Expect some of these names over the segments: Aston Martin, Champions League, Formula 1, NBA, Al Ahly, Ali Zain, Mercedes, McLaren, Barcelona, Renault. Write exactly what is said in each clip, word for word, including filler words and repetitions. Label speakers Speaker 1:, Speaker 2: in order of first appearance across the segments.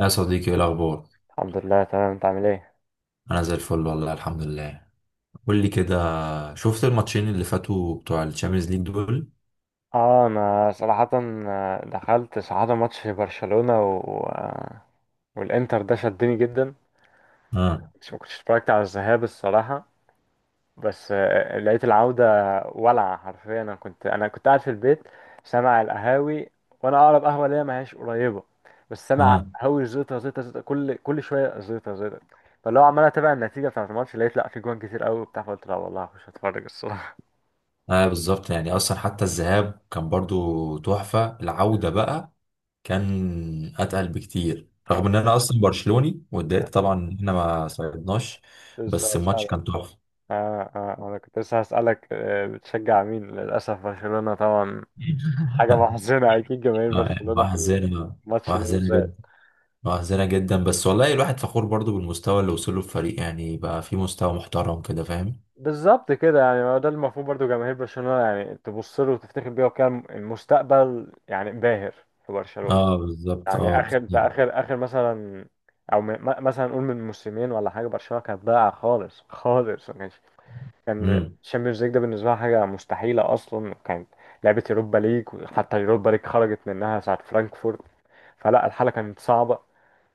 Speaker 1: يا صديقي، ايه الاخبار؟
Speaker 2: الحمد لله، تمام. انت عامل ايه؟
Speaker 1: انا زي الفل والله، الحمد لله. قول لي كده، شفت الماتشين اللي فاتوا بتوع الشامبيونز ليج دول؟
Speaker 2: اه، انا صراحة، آه، دخلت صراحة ماتش برشلونة و... آه، والانتر ده شدني جدا.
Speaker 1: اه
Speaker 2: مش ما كنتش اتفرجت على الذهاب الصراحة، بس آه، لقيت العودة ولعة حرفيا. انا كنت انا كنت قاعد في البيت سامع القهاوي، وانا اقرب قهوة ليا ما هياش قريبة، بس سامع
Speaker 1: اه
Speaker 2: القهاوي زيطة زيطة زيطة، كل كل شوية زيطة زيطة. فاللي هو عمال اتابع النتيجة بتاعت الماتش، لقيت لا في جوان كتير قوي وبتاع، فقلت لا والله هخش اتفرج الصراحة.
Speaker 1: اه، بالظبط. يعني اصلا حتى الذهاب كان برضو تحفة. العودة بقى كان اتقل بكتير، رغم
Speaker 2: آه،
Speaker 1: ان انا اصلا برشلوني واتضايقت طبعا ان احنا ما صعدناش. بس
Speaker 2: لسه
Speaker 1: الماتش
Speaker 2: اسألك.
Speaker 1: كان تحفة.
Speaker 2: اه، اه، انا كنت لسه هسألك، آه، بتشجع مين؟ للأسف برشلونة طبعا، حاجة محزنة. أكيد جماهير
Speaker 1: آه،
Speaker 2: برشلونة في
Speaker 1: وأحزنة،
Speaker 2: الماتش ده
Speaker 1: وأحزنة جدا،
Speaker 2: بالذات.
Speaker 1: وأحزنة جدا، بس والله الواحد فخور برضو بالمستوى اللي وصله الفريق، يعني بقى في مستوى محترم كده، فاهم.
Speaker 2: بالظبط كده، يعني ما هو ده المفروض برضو جماهير برشلونة يعني تبص له وتفتخر بيه، وكان المستقبل يعني باهر في برشلونة.
Speaker 1: اه بالظبط، اه
Speaker 2: يعني آخر انت
Speaker 1: بالظبط.
Speaker 2: آخر آخر مثلا، أو م- م- مثلا نقول من موسمين ولا حاجة، برشلونة كانت ضايعة خالص خالص، ما كانش كان
Speaker 1: امم،
Speaker 2: الشامبيونز ليج ده بالنسبه لها حاجه مستحيله اصلا، وكانت لعبه اوروبا ليج، حتى اليوروبا ليج خرجت منها ساعه فرانكفورت، فلا الحاله كانت صعبه.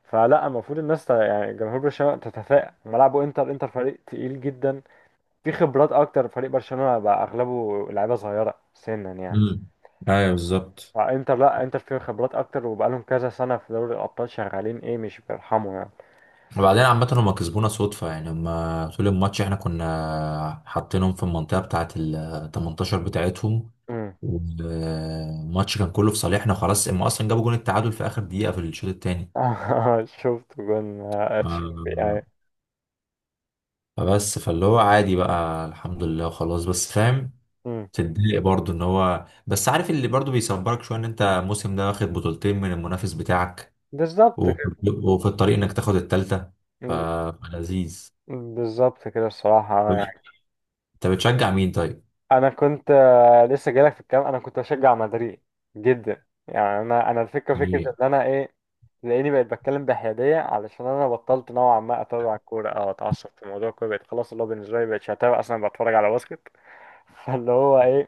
Speaker 2: فلا المفروض الناس ت- يعني جمهور برشلونه تتفائل ملعبه انتر. انتر فريق تقيل جدا، في خبرات اكتر، فريق برشلونه بقى اغلبه لعيبه صغيره سنا يعني.
Speaker 1: امم، ايوه بالظبط.
Speaker 2: فانتر، لا، انتر فيه خبرات اكتر وبقالهم كذا سنه في دوري الابطال، شغالين ايه، مش بيرحموا يعني.
Speaker 1: وبعدين عامة هما كسبونا صدفة، يعني هما طول الماتش احنا كنا حاطينهم في المنطقة بتاعة ال تمنتاشر بتاعتهم،
Speaker 2: امم.
Speaker 1: والماتش كان كله في صالحنا، خلاص هما اصلا جابوا جون التعادل في اخر دقيقة في الشوط التاني.
Speaker 2: شفت جون اتشيربي
Speaker 1: آه،
Speaker 2: اي.
Speaker 1: فبس، فاللي هو عادي بقى، الحمد لله، خلاص بس فاهم.
Speaker 2: امم.
Speaker 1: تتضايق برضه، ان هو بس عارف اللي برضه بيصبرك شوية ان انت الموسم ده واخد بطولتين من المنافس بتاعك،
Speaker 2: بالظبط
Speaker 1: وفي
Speaker 2: كده،
Speaker 1: وفي الطريق انك تاخد التالتة. ف- فلذيذ.
Speaker 2: بالظبط كده الصراحة
Speaker 1: طب
Speaker 2: يعني.
Speaker 1: انت بتشجع مين طيب؟
Speaker 2: أنا كنت، آه، لسه جايلك في الكلام، أنا كنت بشجع مدريد جدا يعني. أنا أنا الفكرة فكرة
Speaker 1: يعني.
Speaker 2: إن أنا إيه، تلاقيني بقيت بتكلم بحيادية علشان أنا بطلت نوعا ما أتابع الكورة أو أتعصب في موضوع الكورة، بقيت خلاص اللي هو بالنسبة لي مبقتش أتابع أصلا، بتفرج على باسكت. فاللي هو إيه،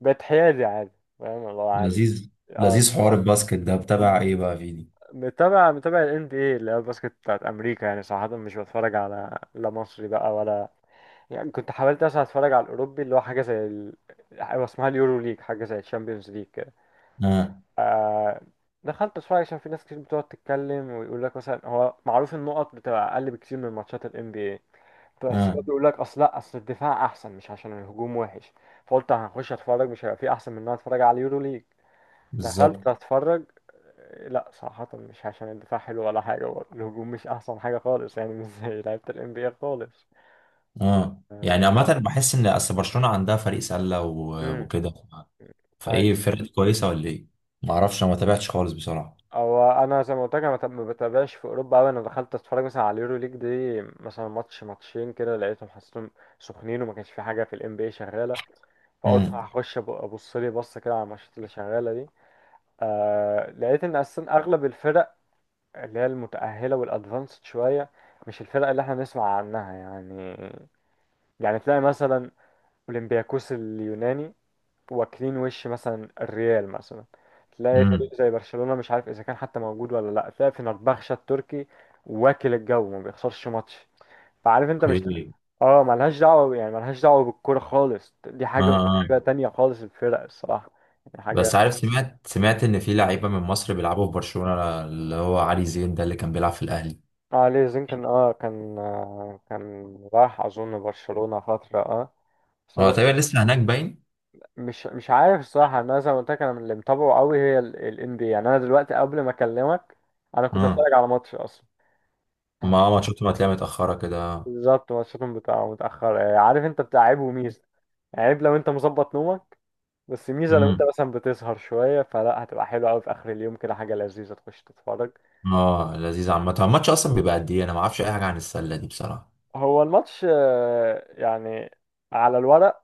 Speaker 2: بقيت حيادي عادي، فاهم اللي هو عادي.
Speaker 1: لذيذ،
Speaker 2: اه،
Speaker 1: لذيذ، حوار الباسكت ده بتابع ايه بقى فيني؟
Speaker 2: متابع متابع ال إن بي إيه اللي هي الباسكت بتاعت أمريكا. يعني صراحة مش بتفرج على لا مصري بقى ولا يعني. كنت حاولت اصلا اتفرج على الاوروبي اللي هو حاجه زي ال... هو اسمها اليورو ليج، حاجه زي الشامبيونز ليج كده.
Speaker 1: اه
Speaker 2: دخلت اتفرج عشان في ناس كتير بتقعد تتكلم، ويقول لك مثلا هو معروف النقط بتبقى اقل بكتير من ماتشات الام بي اي. بس هو
Speaker 1: اه
Speaker 2: بيقول لك اصل، لا، اصل الدفاع احسن، مش عشان الهجوم وحش. فقلت هخش اتفرج، مش هيبقى في احسن من ان انا اتفرج على اليورو ليج.
Speaker 1: بالظبط
Speaker 2: دخلت اتفرج، لا صراحة مش عشان الدفاع حلو ولا حاجة برضه. الهجوم مش أحسن حاجة خالص، يعني مش زي لعيبة ال إن بي إيه خالص.
Speaker 1: اه.
Speaker 2: آه.
Speaker 1: يعني عامة بحس ان اصل برشلونة عندها فريق سلة و-
Speaker 2: مم.
Speaker 1: وكده. ف- فايه
Speaker 2: أيوة.
Speaker 1: الفرقة دي، كويسة ولا ايه؟ ما اعرفش، انا ما تابعتش خالص بصراحة.
Speaker 2: هو انا زي ما قلت لك، انا ما بتابعش في اوروبا قوي. انا دخلت اتفرج مثلا على اليورو ليج دي مثلا ماتش، ماتشين كده، لقيتهم حسيتهم سخنين، وما كانش في حاجه في الام بي اي شغاله. فقلت
Speaker 1: امم،
Speaker 2: هخش أب- ابص لي بصه كده على الماتشات اللي شغاله دي. آه، لقيت ان اصلا اغلب الفرق اللي هي المتاهله والادفانسد شويه مش الفرق اللي احنا نسمع عنها يعني. يعني تلاقي مثلا اولمبياكوس اليوناني واكلين وش مثلا الريال مثلا، تلاقي
Speaker 1: امم،
Speaker 2: فريق زي برشلونة مش عارف اذا كان حتى موجود ولا لا، تلاقي فنربخشة التركي واكل الجو ما بيخسرش ماتش، فعارف انت مش...
Speaker 1: اوكي،
Speaker 2: اه، ملهاش دعوة، يعني ملهاش دعوة بالكورة خالص، دي
Speaker 1: اه
Speaker 2: حاجة ودي
Speaker 1: اه.
Speaker 2: حاجة تانية خالص، الفرق الصراحة يعني
Speaker 1: بس
Speaker 2: حاجة.
Speaker 1: عارف، سمعت سمعت ان في لعيبة من مصر بيلعبوا في برشلونة، اللي هو علي زين ده اللي كان بيلعب في الاهلي.
Speaker 2: اه، ليه زين كان اه كان آه كان راح اظن برشلونة فترة، اه. بس
Speaker 1: اه،
Speaker 2: انا
Speaker 1: تقريبا لسه هناك باين.
Speaker 2: مش مش عارف الصراحة. انا زي ما قلت لك، انا اللي متابعه قوي هي ال إن بي إيه. يعني انا دلوقتي قبل ما اكلمك، انا كنت
Speaker 1: اه،
Speaker 2: اتفرج على ماتش اصلا.
Speaker 1: ما ماتشاته ما تلاقيها متأخرة كده.
Speaker 2: بالظبط، ماتشاتهم بتبقى متأخر، آه، عارف انت بتاع عيب وميزة. عيب لو انت مظبط نومك، بس ميزة لو انت
Speaker 1: امم.
Speaker 2: مثلا بتسهر شوية فلا، هتبقى حلوة أوي في آخر اليوم كده، حاجة لذيذة تخش تتفرج.
Speaker 1: اه لذيذ. عامة الماتش اصلا بيبقى قد ايه؟ انا ما اعرفش اي حاجة عن السلة دي بصراحة.
Speaker 2: هو الماتش، آه، يعني على الورق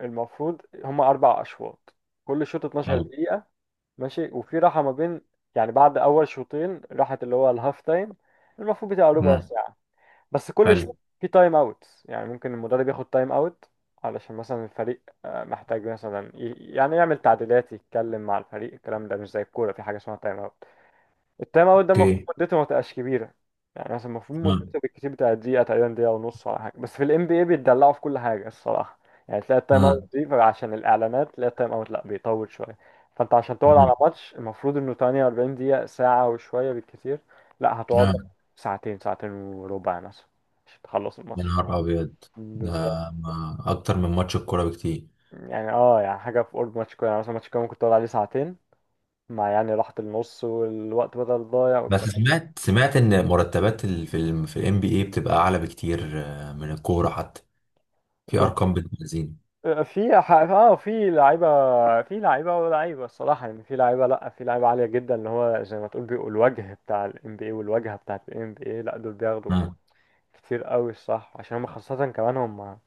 Speaker 2: المفروض هما أربع أشواط، كل شوط اتناشر
Speaker 1: حلو.
Speaker 2: دقيقة. ماشي، وفي راحة ما بين، يعني بعد أول شوطين راحة اللي هو الهاف تايم، المفروض بتبقى ربع
Speaker 1: امم.
Speaker 2: ساعة. بس كل
Speaker 1: حلو،
Speaker 2: شيء في تايم اوتس، يعني ممكن المدرب ياخد تايم اوت علشان مثلا الفريق، آه، محتاج مثلا ي- يعني يعمل تعديلات، يتكلم مع الفريق الكلام ده، مش زي الكورة، في حاجة اسمها تايم اوت. التايم اوت ده المفروض
Speaker 1: اوكي،
Speaker 2: مدته ما تبقاش كبيره، يعني مثلا المفروض
Speaker 1: امم،
Speaker 2: مدته بالكتير بتاع دقيقه تقريبا، دقيقه ونص ولا حاجه، بس في الام بي اي بيتدلعوا في كل حاجه الصراحه. يعني تلاقي التايم اوت
Speaker 1: امم،
Speaker 2: دي عشان الاعلانات، تلاقي التايم اوت لا بيطول شويه. فانت عشان تقعد
Speaker 1: امم،
Speaker 2: على ماتش المفروض انه تمنية واربعين دقيقه، ساعه وشويه بالكتير، لا هتقعد لك
Speaker 1: امم.
Speaker 2: ساعتين، ساعتين وربع مثلا، عشان تخلص
Speaker 1: يا
Speaker 2: الماتش.
Speaker 1: نهار ابيض! ده
Speaker 2: بالظبط،
Speaker 1: ما- اكتر من ماتش الكورة بكتير.
Speaker 2: يعني اه، يعني حاجه في قرب ماتش كوره. يعني مثلا ماتش كوره ممكن تقعد عليه ساعتين مع يعني راحه النص والوقت بدل ضايع
Speaker 1: بس
Speaker 2: والكلام.
Speaker 1: سمعت سمعت ان مرتبات ال- في ال في الام بي اي بتبقى اعلى بكتير، آه، من الكورة حتى. في ارقام بتنزين.
Speaker 2: في ح- اه في لعيبه في لعيبه ولاعيبه الصراحه يعني، في لعيبه، لا، في لعيبه عاليه جدا، اللي هو زي ما تقول بيبقوا الوجه بتاع ال إن بي إيه والواجهه بتاعه ال إن بي إيه. لا دول بياخدوا
Speaker 1: امم،
Speaker 2: كتير قوي الصح، عشان هم خاصه كمان هم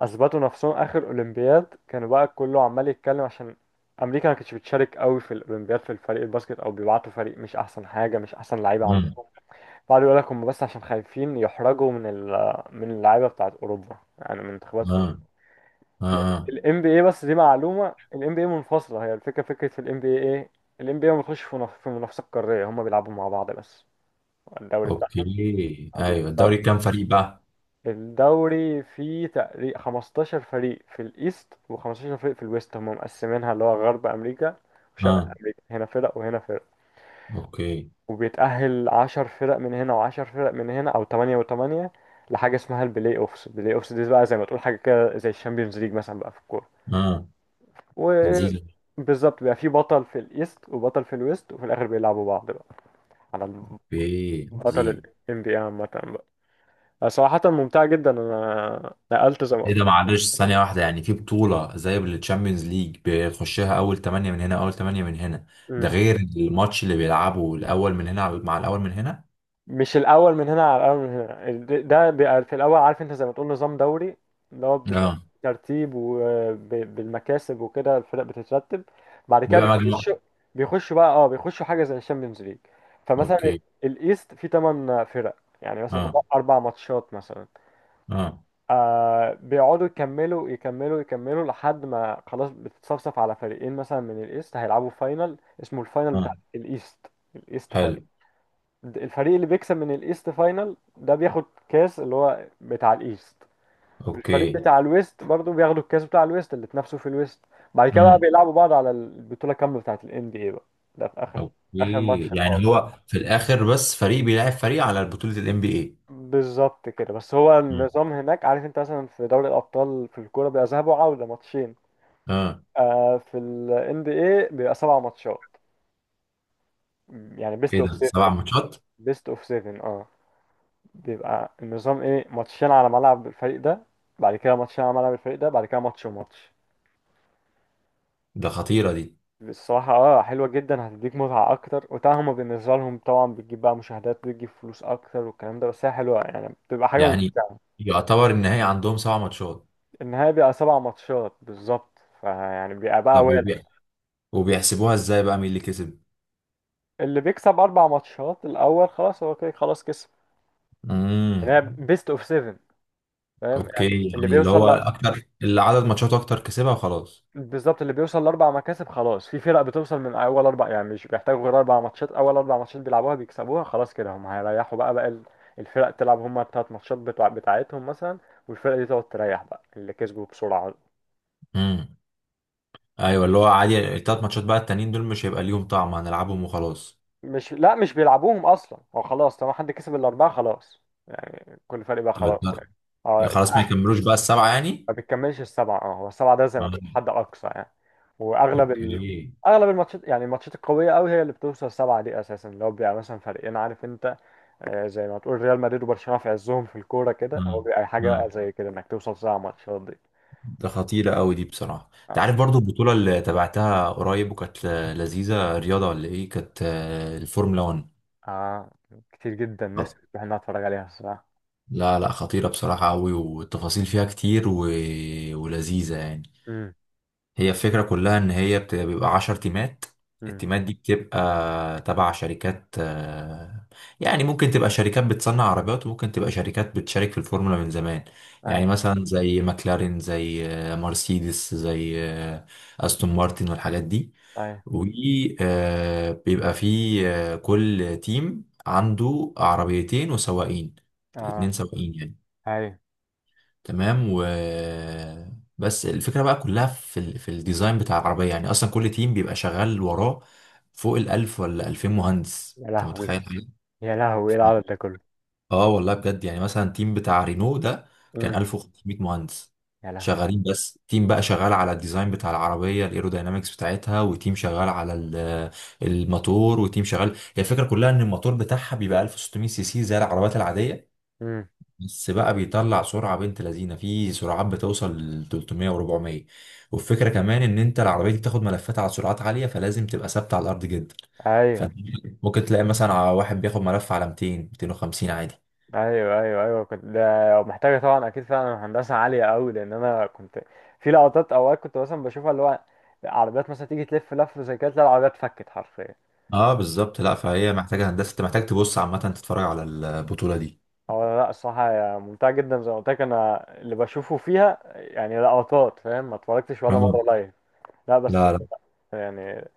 Speaker 2: اثبتوا نفسهم اخر اولمبياد، كانوا بقى كله عمال يتكلم عشان امريكا ما كانتش بتشارك قوي في الاولمبياد في الفريق الباسكت، او بيبعتوا فريق مش احسن حاجه، مش احسن لعيبه عندهم.
Speaker 1: امم،
Speaker 2: بعد يقول لك هم بس عشان خايفين يحرجوا من ال- من اللعيبه بتاعه اوروبا، يعني من منتخبات
Speaker 1: امم،
Speaker 2: الام بي اي. بس دي معلومه، الام بي اي منفصله. هي الفكره فكره في الام بي اي ايه؟ الام بي اي ما بيخش في منافسه في منافسه قاريه، هم بيلعبوا مع بعض بس، الدوري بتاعهم.
Speaker 1: اوكي،
Speaker 2: آه،
Speaker 1: ايوه، الدوري
Speaker 2: بالظبط،
Speaker 1: كام فريق بقى؟
Speaker 2: الدوري فيه تقريبا خمستاشر فريق في الايست و15 فريق في الويست، هم مقسمينها اللي هو غرب امريكا وشرق
Speaker 1: اه
Speaker 2: امريكا، هنا فرق وهنا فرق.
Speaker 1: اوكي.
Speaker 2: وبيتاهل عشر فرق من هنا و10 فرق من هنا، او ثمانية و8، لحاجه اسمها البلاي اوفس. البلاي اوفس دي بقى زي ما تقول حاجه كده زي الشامبيونز ليج مثلا بقى في الكوره.
Speaker 1: اه لذيذ.
Speaker 2: وبالظبط بيبقى في بطل في الايست وبطل في الويست، وفي الاخر بيلعبوا بعض بقى على
Speaker 1: اوكي
Speaker 2: بطل ال
Speaker 1: عظيم.
Speaker 2: إن بي إيه عامة بقى. صراحة ممتعة جدا، انا نقلت زي ما
Speaker 1: ايه
Speaker 2: قلت
Speaker 1: ده؟ معلش،
Speaker 2: لك.
Speaker 1: ثانية واحدة. يعني في بطولة زي التشامبيونز ليج بيخشها أول تمانية من هنا، أول تمانية من هنا؟ ده
Speaker 2: مم.
Speaker 1: غير الماتش اللي بيلعبه الأول من هنا على- مع الأول من هنا.
Speaker 2: مش الاول من هنا على الاول من هنا، ال- ده بيبقى في الاول. عارف انت زي ما تقول نظام دوري، اللي هو
Speaker 1: اه،
Speaker 2: بترتيب وبالمكاسب وكده الفرق بتترتب، بعد كده
Speaker 1: بيبقى مجموعة.
Speaker 2: بيخشوا بيخشوا بقى اه بيخشوا حاجه زي الشامبيونز ليج. فمثلا
Speaker 1: اوكي
Speaker 2: الايست فيه ثمانية فرق، يعني مثلا
Speaker 1: اه
Speaker 2: اربع ماتشات مثلا،
Speaker 1: اه
Speaker 2: آه بيقعدوا يكملوا يكملوا يكملوا لحد ما خلاص بتتصفصف على فريقين مثلا من الايست، هيلعبوا فاينل اسمه الفاينل بتاع
Speaker 1: اه،
Speaker 2: الايست، الايست
Speaker 1: حلو،
Speaker 2: فاينل. الفريق اللي بيكسب من الايست فاينل ده بياخد كاس اللي هو بتاع الايست، والفريق
Speaker 1: اوكي،
Speaker 2: بتاع الويست برضه بياخدوا الكاس بتاع الويست اللي اتنافسوا في الويست. بعد كده بقى
Speaker 1: امم،
Speaker 2: بيلعبوا بعض على البطولة كاملة بتاعت ال إن بي إيه بقى، ده في اخر، اخر
Speaker 1: اوكي.
Speaker 2: ماتش
Speaker 1: يعني
Speaker 2: خالص.
Speaker 1: هو في الآخر بس فريق بيلعب فريق على بطولة ال إن بي إيه؟
Speaker 2: بالظبط كده، بس هو
Speaker 1: امم
Speaker 2: النظام هناك، عارف انت، مثلا في دوري الابطال في الكوره بيبقى ذهاب وعوده ماتشين،
Speaker 1: اه.
Speaker 2: آه في ال إن بي إيه بيبقى سبع ماتشات، يعني بيست
Speaker 1: ايه
Speaker 2: اوف
Speaker 1: ده،
Speaker 2: سفن،
Speaker 1: سبع ماتشات؟
Speaker 2: بيست اوف سفن، اه. بيبقى النظام ايه: ماتشين على ملعب الفريق ده، بعد كده ماتشين على ملعب الفريق ده، بعد كده ماتش وماتش.
Speaker 1: ده خطيرة دي.
Speaker 2: الصراحة اه، حلوة جدا، هتديك متعة أكتر، وطبعا هما بالنسبة لهم طبعا بتجيب بقى مشاهدات، بتجيب فلوس أكتر والكلام ده، بس هي حلوة يعني، بتبقى حاجة
Speaker 1: يعني
Speaker 2: ممتعة.
Speaker 1: يعتبر النهائي عندهم سبع ماتشات؟
Speaker 2: النهاية بيبقى سبع ماتشات بالظبط، فيعني بيبقى بقى
Speaker 1: طب
Speaker 2: والع.
Speaker 1: وبي... وبيحسبوها ازاي بقى مين اللي كسب؟
Speaker 2: اللي بيكسب أربع ماتشات الأول خلاص، هو كده خلاص كسب.
Speaker 1: امم،
Speaker 2: يعني هي بيست أوف سفن، فاهم، يعني
Speaker 1: اوكي،
Speaker 2: اللي
Speaker 1: يعني اللي
Speaker 2: بيوصل.
Speaker 1: هو اكتر، اللي عدد ماتشات اكتر كسبها وخلاص.
Speaker 2: بالظبط، اللي بيوصل لاربع مكاسب خلاص، في فرق بتوصل من اول اربع، يعني مش بيحتاجوا غير اربع ماتشات، اول اربع ماتشات بيلعبوها بيكسبوها خلاص كده هم هيريحوا بقى بقى ال- الفرق تلعب هم التلات ماتشات بتوع بتاعتهم مثلا، والفرق دي تقعد تريح بقى اللي كسبوا بسرعة.
Speaker 1: امم، ايوه، اللي هو عادي، التلات ماتشات بقى التانيين دول مش هيبقى ليهم طعم، هنلعبهم وخلاص.
Speaker 2: مش، لا، مش بيلعبوهم اصلا، هو خلاص طالما حد كسب الاربعة خلاص، يعني كل فريق بقى
Speaker 1: تبقى
Speaker 2: خلاص
Speaker 1: التلات-
Speaker 2: يعني.
Speaker 1: يعني
Speaker 2: اه،
Speaker 1: خلاص ما
Speaker 2: اتأهل.
Speaker 1: يكملوش بقى السبعة يعني.
Speaker 2: ما بتكملش السبعة، اه هو السبعة ده زي ما تقول
Speaker 1: مم.
Speaker 2: حد اقصى يعني. واغلب ال...
Speaker 1: اوكي،
Speaker 2: اغلب الماتشات يعني، الماتشات القويه قوي هي اللي بتوصل سبعه دي اساسا، لو بيبقى مثلا فريقين عارف انت، آه، زي ما تقول ريال مدريد وبرشلونة في عزهم في الكورة كده، هو
Speaker 1: امم،
Speaker 2: بيبقى حاجة بقى
Speaker 1: امم.
Speaker 2: زي كده انك توصل ساعة ماتشات دي.
Speaker 1: ده خطيرة قوي دي بصراحة. انت
Speaker 2: أص-
Speaker 1: عارف برضو البطولة اللي تابعتها قريب وكانت لذيذة، رياضة ولا ايه، كانت آه، الفورمولا واحد.
Speaker 2: اه كتير جدا نفسي اروح إن أنا اتفرج عليها الصراحة.
Speaker 1: لا لا، خطيرة بصراحة أوي، والتفاصيل فيها كتير و... ولذيذة يعني.
Speaker 2: امم.
Speaker 1: هي الفكرة كلها إن هي بت- بيبقى عشر تيمات.
Speaker 2: امم.
Speaker 1: التيمات دي بتبقى تبع شركات، آه، يعني ممكن تبقى شركات بتصنع عربيات، وممكن تبقى شركات بتشارك في الفورمولا من زمان.
Speaker 2: اي.
Speaker 1: يعني مثلا زي ماكلارين، زي آه، مرسيدس، زي آه، أستون مارتن والحاجات دي.
Speaker 2: اي.
Speaker 1: وبيبقى في آه، كل تيم عنده عربيتين وسواقين، اتنين
Speaker 2: اه.
Speaker 1: سواقين يعني.
Speaker 2: اي.
Speaker 1: تمام. و، بس الفكره بقى كلها في ال... في الديزاين بتاع العربيه، يعني اصلا كل تيم بيبقى شغال وراه فوق الالف ولا الفين مهندس،
Speaker 2: يا
Speaker 1: انت
Speaker 2: لهوي.
Speaker 1: متخيل!
Speaker 2: يا لهوي، ايه العدد ده كله.
Speaker 1: اه والله بجد، يعني مثلا تيم بتاع رينو ده كان
Speaker 2: امم.
Speaker 1: ألف وخمسمية مهندس
Speaker 2: يا لهوي.
Speaker 1: شغالين. بس تيم بقى شغال على الديزاين بتاع العربيه، الايروداينامكس بتاعتها، وتيم شغال على ال- الموتور، وتيم شغال. هي الفكره كلها ان الموتور بتاعها بيبقى ألف وستمية سي سي زي العربيات العاديه،
Speaker 2: امم.
Speaker 1: بس بقى بيطلع سرعة بنت لذينة، في سرعات بتوصل ل تلتمية و400. والفكرة كمان ان انت العربية دي بتاخد ملفات على سرعات عالية، فلازم تبقى ثابتة على الارض جدا.
Speaker 2: ايوه،
Speaker 1: فانت ممكن تلاقي مثلا على واحد بياخد ملف على ميتين، ميتين وخمسين عادي.
Speaker 2: ايوه، ايوه، ايوه، كنت ده محتاجة طبعا اكيد فعلا هندسة عالية قوي، لان انا كنت في لقطات اوقات كنت مثلا بشوفها اللي هو عربيات مثلا تيجي تلف لف زي كده، تلاقي العربية اتفكت حرفيا.
Speaker 1: اه بالظبط، لا فهي محتاجة هندسة، انت محتاج تبص. عامة تتفرج على البطولة دي.
Speaker 2: هو لا، الصراحة هي ممتعة جدا، زي ما قلت لك أنا اللي بشوفه فيها يعني لقطات، فاهم، ما اتفرجتش ولا
Speaker 1: آه.
Speaker 2: مرة لايف، لا بس
Speaker 1: لا،
Speaker 2: يعني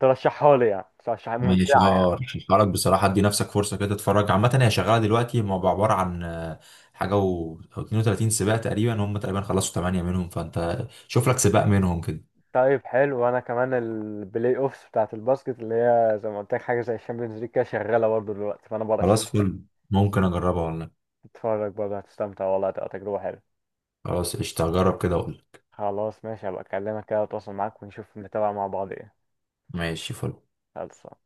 Speaker 2: ترشحها لي؟ يعني ترشحها
Speaker 1: ماشي،
Speaker 2: ممتعة.
Speaker 1: اه رشحهالك بصراحة، ادي نفسك فرصة كده تتفرج. عامة هي شغالة دلوقتي، هم عبارة عن آه، حاجة و أو اثنين وثلاثين سباق تقريبا، هم تقريبا خلصوا تمانية منهم، فانت شوف لك سباق منهم كده.
Speaker 2: طيب، حلو، وأنا كمان البلاي أوفس بتاعة الباسكت اللي هي زي ما قلت لك حاجة زي الشامبيونز ليج كده شغالة برضه دلوقتي، فأنا برشح
Speaker 1: خلاص
Speaker 2: لك
Speaker 1: فل، ممكن اجربها ولا لأ.
Speaker 2: تتفرج برضه، هتستمتع والله، هتبقى تجربة حلوة.
Speaker 1: خلاص قشطة، اجرب كده اقول.
Speaker 2: خلاص ماشي، هبقى أكلمك كده وأتواصل معاك، ونشوف نتابع مع بعض إيه.
Speaker 1: ماشي فل.
Speaker 2: خلصان.